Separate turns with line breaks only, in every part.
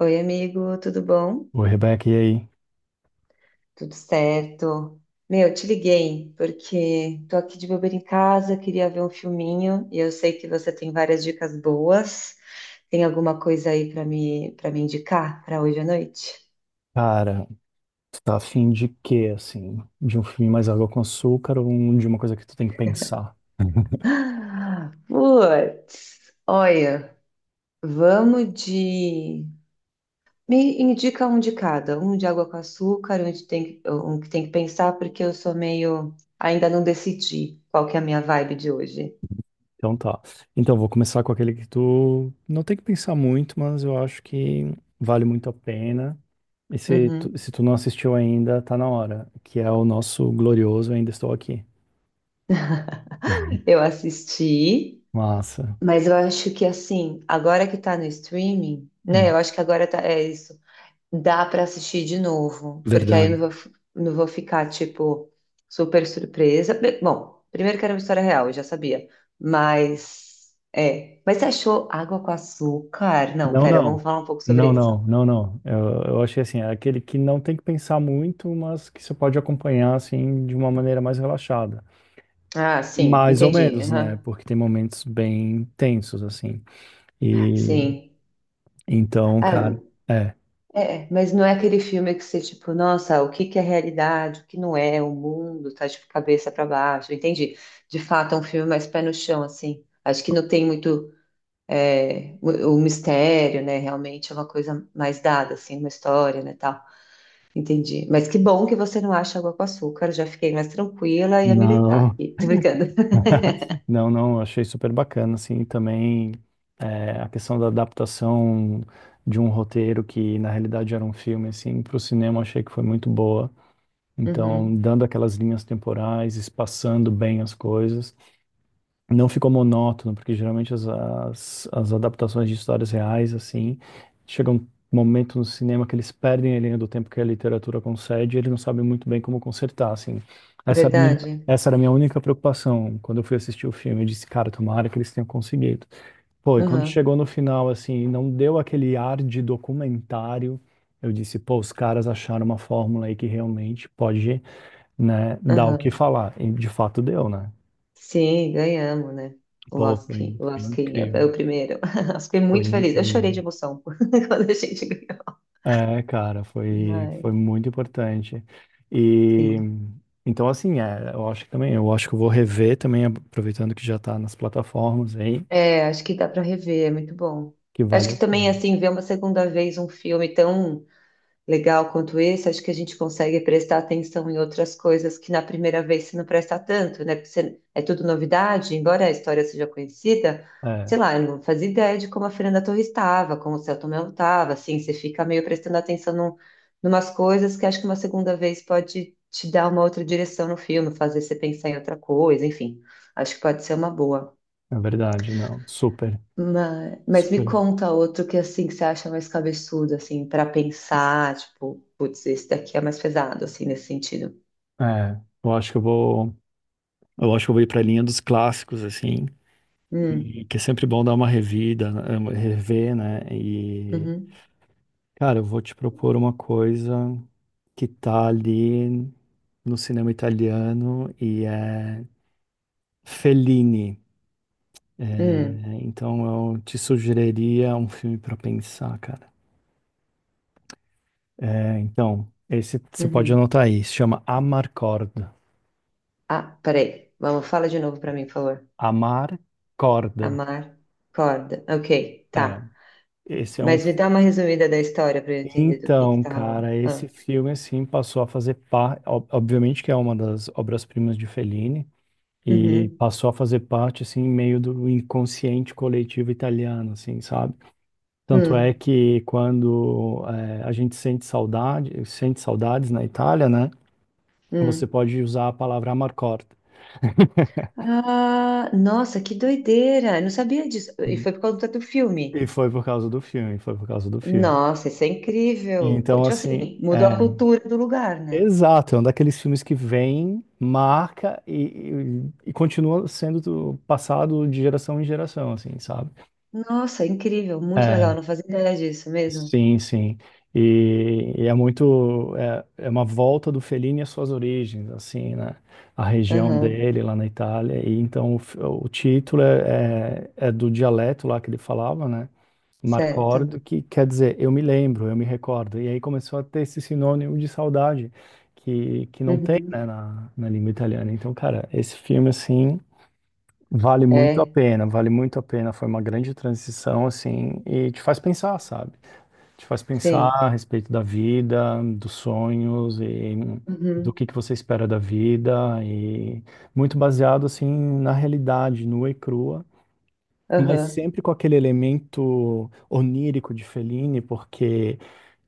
Oi, amigo, tudo bom?
Ô, Rebeca, e aí?
Tudo certo? Meu, te liguei porque tô aqui de bobeira em casa, queria ver um filminho e eu sei que você tem várias dicas boas. Tem alguma coisa aí para me indicar para hoje à noite?
Cara, tu tá afim de quê, assim? De um filme mais água com açúcar ou de uma coisa que tu tem que pensar?
Ah, putz, olha, vamos de me indica um de cada, um de água com açúcar, um que tem que pensar, porque eu sou meio, ainda não decidi qual que é a minha vibe de hoje.
Então tá. Então, vou começar com aquele que tu não tem que pensar muito, mas eu acho que vale muito a pena. E se tu,
Uhum.
se tu não assistiu ainda, tá na hora, que é o nosso glorioso Ainda Estou Aqui.
Eu assisti,
Massa.
mas eu acho que, assim, agora que tá no streaming, né? Eu
Hum,
acho que agora tá, é isso. Dá pra assistir de novo, porque aí eu
Verdade.
não vou, não vou ficar, tipo, super surpresa. Bom, primeiro que era uma história real, eu já sabia. Mas, é. Mas você achou água com açúcar? Não,
Não,
pera, vamos
não.
falar um pouco sobre
Não,
isso.
não, não, não. Eu achei assim, é aquele que não tem que pensar muito, mas que você pode acompanhar, assim, de uma maneira mais relaxada.
Ah, sim,
Mais ou
entendi.
menos, né?
Aham.
Porque tem momentos bem tensos, assim. E
Sim.
então, cara,
Ah,
é.
é, mas não é aquele filme que você, tipo, nossa, o que que é realidade, o que não é, o mundo tá, tipo, cabeça para baixo, entendi. De fato, é um filme mais pé no chão, assim. Acho que não tem muito o mistério, né? Realmente é uma coisa mais dada, assim, uma história, né, tal. Entendi. Mas que bom que você não acha água com açúcar, já fiquei mais tranquila e a militar
Não,
aqui. Tô brincando.
não, não, achei super bacana, assim, também a questão da adaptação de um roteiro que na realidade era um filme, assim, para o cinema achei que foi muito boa. Então,
Uhum,
dando aquelas linhas temporais, espaçando bem as coisas. Não ficou monótono, porque geralmente as adaptações de histórias reais, assim, chega um momento no cinema que eles perdem a linha do tempo que a literatura concede e eles não sabem muito bem como consertar, assim. Essa era a minha,
verdade.
essa era a minha única preocupação quando eu fui assistir o filme. Eu disse, cara, tomara que eles tenham conseguido. Pô, e quando
Aham,
chegou no final, assim, não deu aquele ar de documentário, eu disse, pô, os caras acharam uma fórmula aí que realmente pode, né, dar o que
aham.
falar. E de fato deu, né?
Sim, ganhamos, né?
Pô, foi,
O
foi
Lasquinha é
incrível,
o primeiro. Eu fiquei
foi
muito feliz. Eu chorei
incrível.
de emoção quando a gente ganhou.
É, cara, foi
Ai,
muito importante. E
sim.
então, assim, é, eu acho que também, eu acho que eu vou rever também, aproveitando que já tá nas plataformas aí,
É, acho que dá para rever, é muito bom.
que
Acho
vale a
que também,
pena.
assim, ver uma segunda vez um filme tão legal quanto esse, acho que a gente consegue prestar atenção em outras coisas que na primeira vez você não presta tanto, né? É tudo novidade, embora a história seja conhecida,
É,
sei lá, eu não fazia ideia de como a Fernanda Torres estava, como o Selton Mello estava, assim, você fica meio prestando atenção num, numas coisas que acho que uma segunda vez pode te dar uma outra direção no filme, fazer você pensar em outra coisa, enfim, acho que pode ser uma boa.
é verdade, não, super,
Mas me
super.
conta outro, que assim, que você acha mais cabeçudo, assim, para pensar, tipo, putz, esse daqui é mais pesado, assim, nesse sentido.
É, eu acho que eu vou, eu acho que eu vou ir pra linha dos clássicos, assim,
Hum,
e que é sempre bom dar uma revida, né, rever, né.
uhum,
Cara, eu vou te propor uma coisa que tá ali no cinema italiano e é Fellini. É,
hum,
então eu te sugeriria um filme pra pensar, cara. É, então, esse você pode
uhum.
anotar aí, se chama Amarcord. Corda.
Ah, peraí. Vamos, fala de novo para mim, por favor.
Amar Corda.
Amar, corda. Ok,
É,
tá.
esse é um.
Mas me dá uma resumida da história para eu entender do que
Então,
tá rolando.
cara, esse
Ah.
filme assim passou a fazer parte. Obviamente que é uma das obras-primas de Fellini. E
Uhum,
passou a fazer parte assim meio do inconsciente coletivo italiano, assim, sabe? Tanto é
hum,
que quando a gente sente saudade, sente saudades na Itália, né? Você
hum.
pode usar a palavra amarcord.
Ah, nossa, que doideira! Eu não sabia disso. E foi por conta do filme.
E foi por causa do filme, foi por causa do filme.
Nossa, isso é incrível.
Então,
Tipo
assim,
assim, mudou a
é,
cultura do lugar, né?
exato, é um daqueles filmes que vem, marca e continua sendo passado de geração em geração, assim, sabe?
Nossa, é incrível, muito legal.
É,
Não fazia ideia disso mesmo.
sim, sim. E é muito, é, é uma volta do Fellini às suas origens, assim, né? A região
Aham,
dele lá na Itália. E então o o título é, é, é do dialeto lá que ele falava, né? Marcord,
certo.
que quer dizer eu me lembro, eu me recordo. E aí começou a ter esse sinônimo de saudade que não tem, né,
Uhum.
na língua italiana. Então, cara, esse filme, assim, vale muito a
É,
pena, vale muito a pena. Foi uma grande transição, assim, e te faz pensar, sabe? Te faz pensar
sim.
a respeito da vida, dos sonhos e do
Uhum.
que você espera da vida e muito baseado assim na realidade nua e crua, mas
Aham.
sempre com aquele elemento onírico de Fellini, porque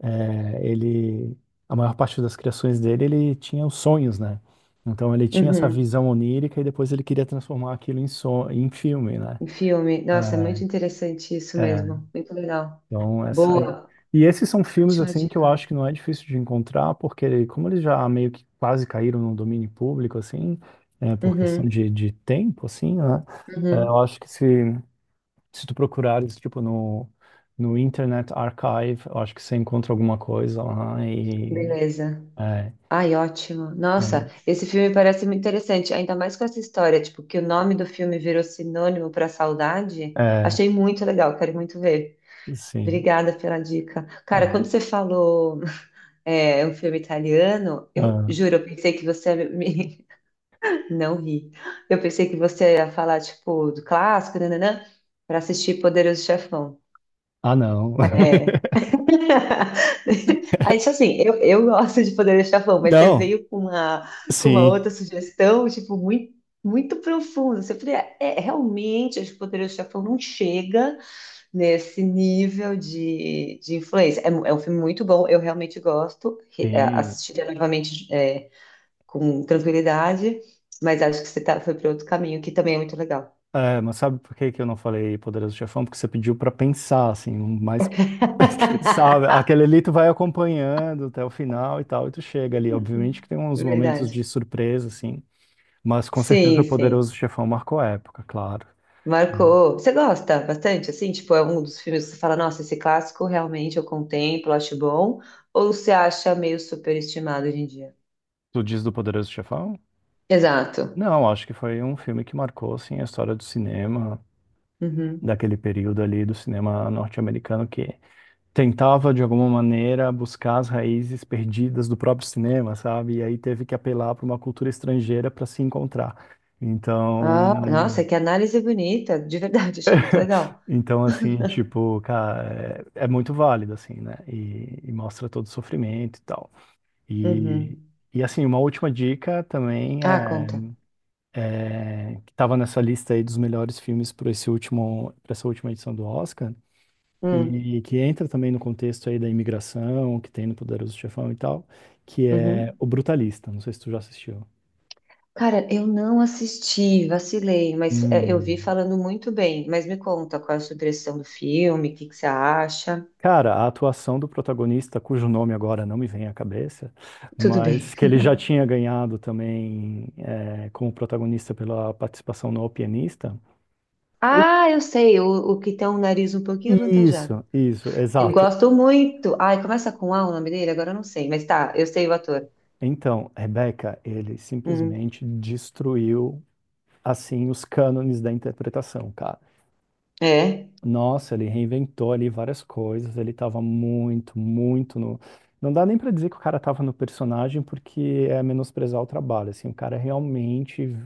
ele a maior parte das criações dele ele tinha os sonhos, né? Então ele tinha essa
Uhum.
visão onírica e depois ele queria transformar aquilo em, son em filme, né?
Um filme. Nossa, é muito interessante isso
É,
mesmo. Muito legal.
então, essa aí.
Boa,
E esses são filmes
ótima
assim que eu
dica.
acho que não é difícil de encontrar, porque como eles já meio que quase caíram no domínio público, assim, é, por questão
Uhum.
de tempo, assim, né? É, eu
Uhum.
acho que se tu procurares, tipo, no Internet Archive, eu acho que você encontra alguma coisa lá e...
Beleza.
É,
Ai, ótimo. Nossa,
é,
esse filme parece muito interessante, ainda mais com essa história, tipo, que o nome do filme virou sinônimo para saudade.
é,
Achei muito legal, quero muito ver.
sim.
Obrigada pela dica.
Ah,
Cara, quando você falou é, um filme italiano, eu
ah,
juro, eu pensei que você ia me... Não ri. Eu pensei que você ia falar, tipo, do clássico, nananã, para assistir Poderoso Chefão.
ah, não.
É. Aí, tipo assim, eu gosto de poder chavão, mas você
Não,
veio com uma
sim.
outra sugestão, tipo, muito, muito profunda. Você falei, é, é, realmente, acho que o Poderoso Chefão não chega nesse nível de influência. É, é um filme muito bom, eu realmente gosto, é,
Sim.
assistiria novamente, é, com tranquilidade, mas acho que você tá, foi para outro caminho, que também é muito legal.
É, mas sabe por que que eu não falei Poderoso Chefão? Porque você pediu pra pensar, assim, um mais, sabe? Aquele ali tu vai acompanhando até o final e tal, e tu chega ali. Obviamente que tem uns momentos de
Verdade.
surpresa, assim, mas com certeza
Sim,
o
sim.
Poderoso Chefão marcou época, claro. Uhum.
Marcou. Você gosta bastante, assim? Tipo, é um dos filmes que você fala, nossa, esse clássico realmente eu contemplo, acho bom. Ou você acha meio superestimado hoje em dia?
Tu diz do Poderoso Chefão?
Exato.
Não, acho que foi um filme que marcou, assim, a história do cinema,
Uhum.
daquele período ali do cinema norte-americano, que tentava, de alguma maneira, buscar as raízes perdidas do próprio cinema, sabe? E aí teve que apelar para uma cultura estrangeira para se encontrar.
Ah,
Então,
nossa, que análise bonita. De verdade, achei muito legal.
então assim, tipo, cara, é, é muito válido, assim, né? E mostra todo o sofrimento e tal. E,
Uhum.
e assim, uma última dica também
Ah,
é,
conta.
né, que estava nessa lista aí dos melhores filmes para esse último, para essa última edição do Oscar.
Hum,
E que entra também no contexto aí da imigração, que tem no Poderoso Chefão e tal, que é
uhum.
O Brutalista. Não sei se tu já assistiu.
Cara, eu não assisti, vacilei, mas é, eu vi
Hum.
falando muito bem. Mas me conta qual é a sua impressão do filme, o que que você acha?
Cara, a atuação do protagonista, cujo nome agora não me vem à cabeça,
Tudo bem.
mas que ele já tinha ganhado também é, como protagonista pela participação no O Pianista. O-
Ah, eu sei, o que tem um nariz um pouquinho avantajado.
Isso, isso,
Eu
exato.
gosto muito. Ai, começa com A o nome dele? Agora eu não sei, mas tá, eu sei o ator.
Então, Rebeca, ele
Uhum.
simplesmente destruiu assim os cânones da interpretação, cara.
É,
Nossa, ele reinventou ali várias coisas, ele tava muito, muito no. Não dá nem pra dizer que o cara tava no personagem, porque é menosprezar o trabalho, assim, o cara realmente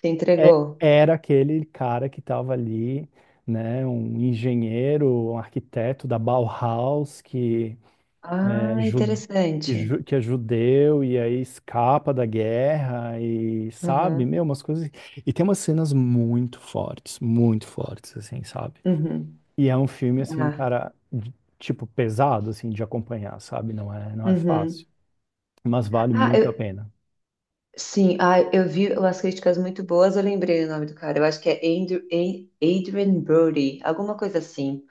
se
é-
entregou.
era aquele cara que tava ali, né, um engenheiro, um arquiteto da Bauhaus, que
Ah,
é,
interessante.
que é judeu e aí escapa da guerra e, sabe,
Uhum.
meu, umas coisas... E tem umas cenas muito fortes, assim, sabe?
Uhum.
E é um filme, assim,
Ah,
cara, tipo, pesado, assim, de acompanhar, sabe? Não é, não é
uhum.
fácil. Mas vale
Ah,
muito a pena.
sim, ah, eu vi umas críticas muito boas, eu lembrei o nome do cara. Eu acho que é Andrew, Adrien Brody, alguma coisa assim,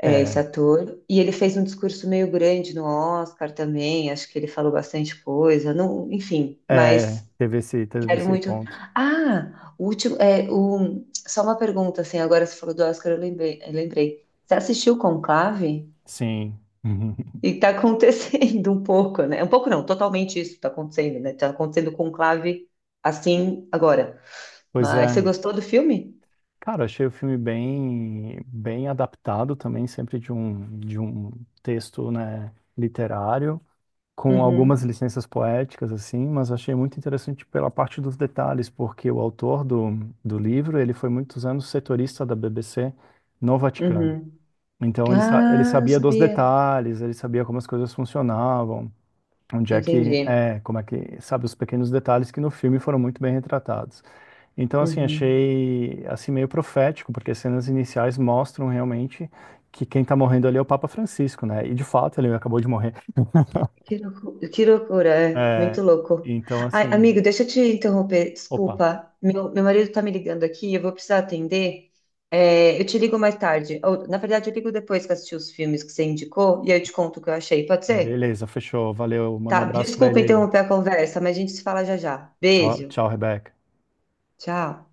é esse
É,
ator. E ele fez um discurso meio grande no Oscar também, acho que ele falou bastante coisa, não, enfim,
é,
mas.
teve
Quero
esse
muito.
ponto.
Ah, o último. É, o... Só uma pergunta, assim, agora você falou do Oscar, eu lembrei. Eu lembrei. Você assistiu Conclave?
Sim.
E tá acontecendo um pouco, né? Um pouco não, totalmente isso tá acontecendo, né? Tá acontecendo Conclave assim agora.
Pois
Mas você
é.
gostou do filme?
Cara, achei o filme bem, bem adaptado também, sempre de um texto, né, literário, com algumas
Uhum,
licenças poéticas, assim, mas achei muito interessante pela parte dos detalhes, porque do livro, ele foi muitos anos setorista da BBC no Vaticano.
uhum.
Então ele, ele
Ah, não
sabia dos
sabia.
detalhes, ele sabia como as coisas funcionavam, onde é que
Entendi.
é, como é que sabe os pequenos detalhes que no filme foram muito bem retratados. Então assim
Uhum.
achei assim meio profético, porque as cenas iniciais mostram realmente que quem está morrendo ali é o Papa Francisco, né? E de fato ele acabou de morrer.
Que loucura, é muito
É,
louco.
então
Ai,
assim,
amigo, deixa eu te interromper,
opa,
desculpa. Meu marido tá me ligando aqui, eu vou precisar atender. É, eu te ligo mais tarde. Ou, na verdade, eu ligo depois que eu assisti os filmes que você indicou e aí eu te conto o que eu achei, pode ser?
beleza, fechou, valeu, manda um
Tá,
abraço para
desculpa
ele aí.
interromper a conversa, mas a gente se fala já já.
Tchau,
Beijo,
tchau, Rebeca.
tchau.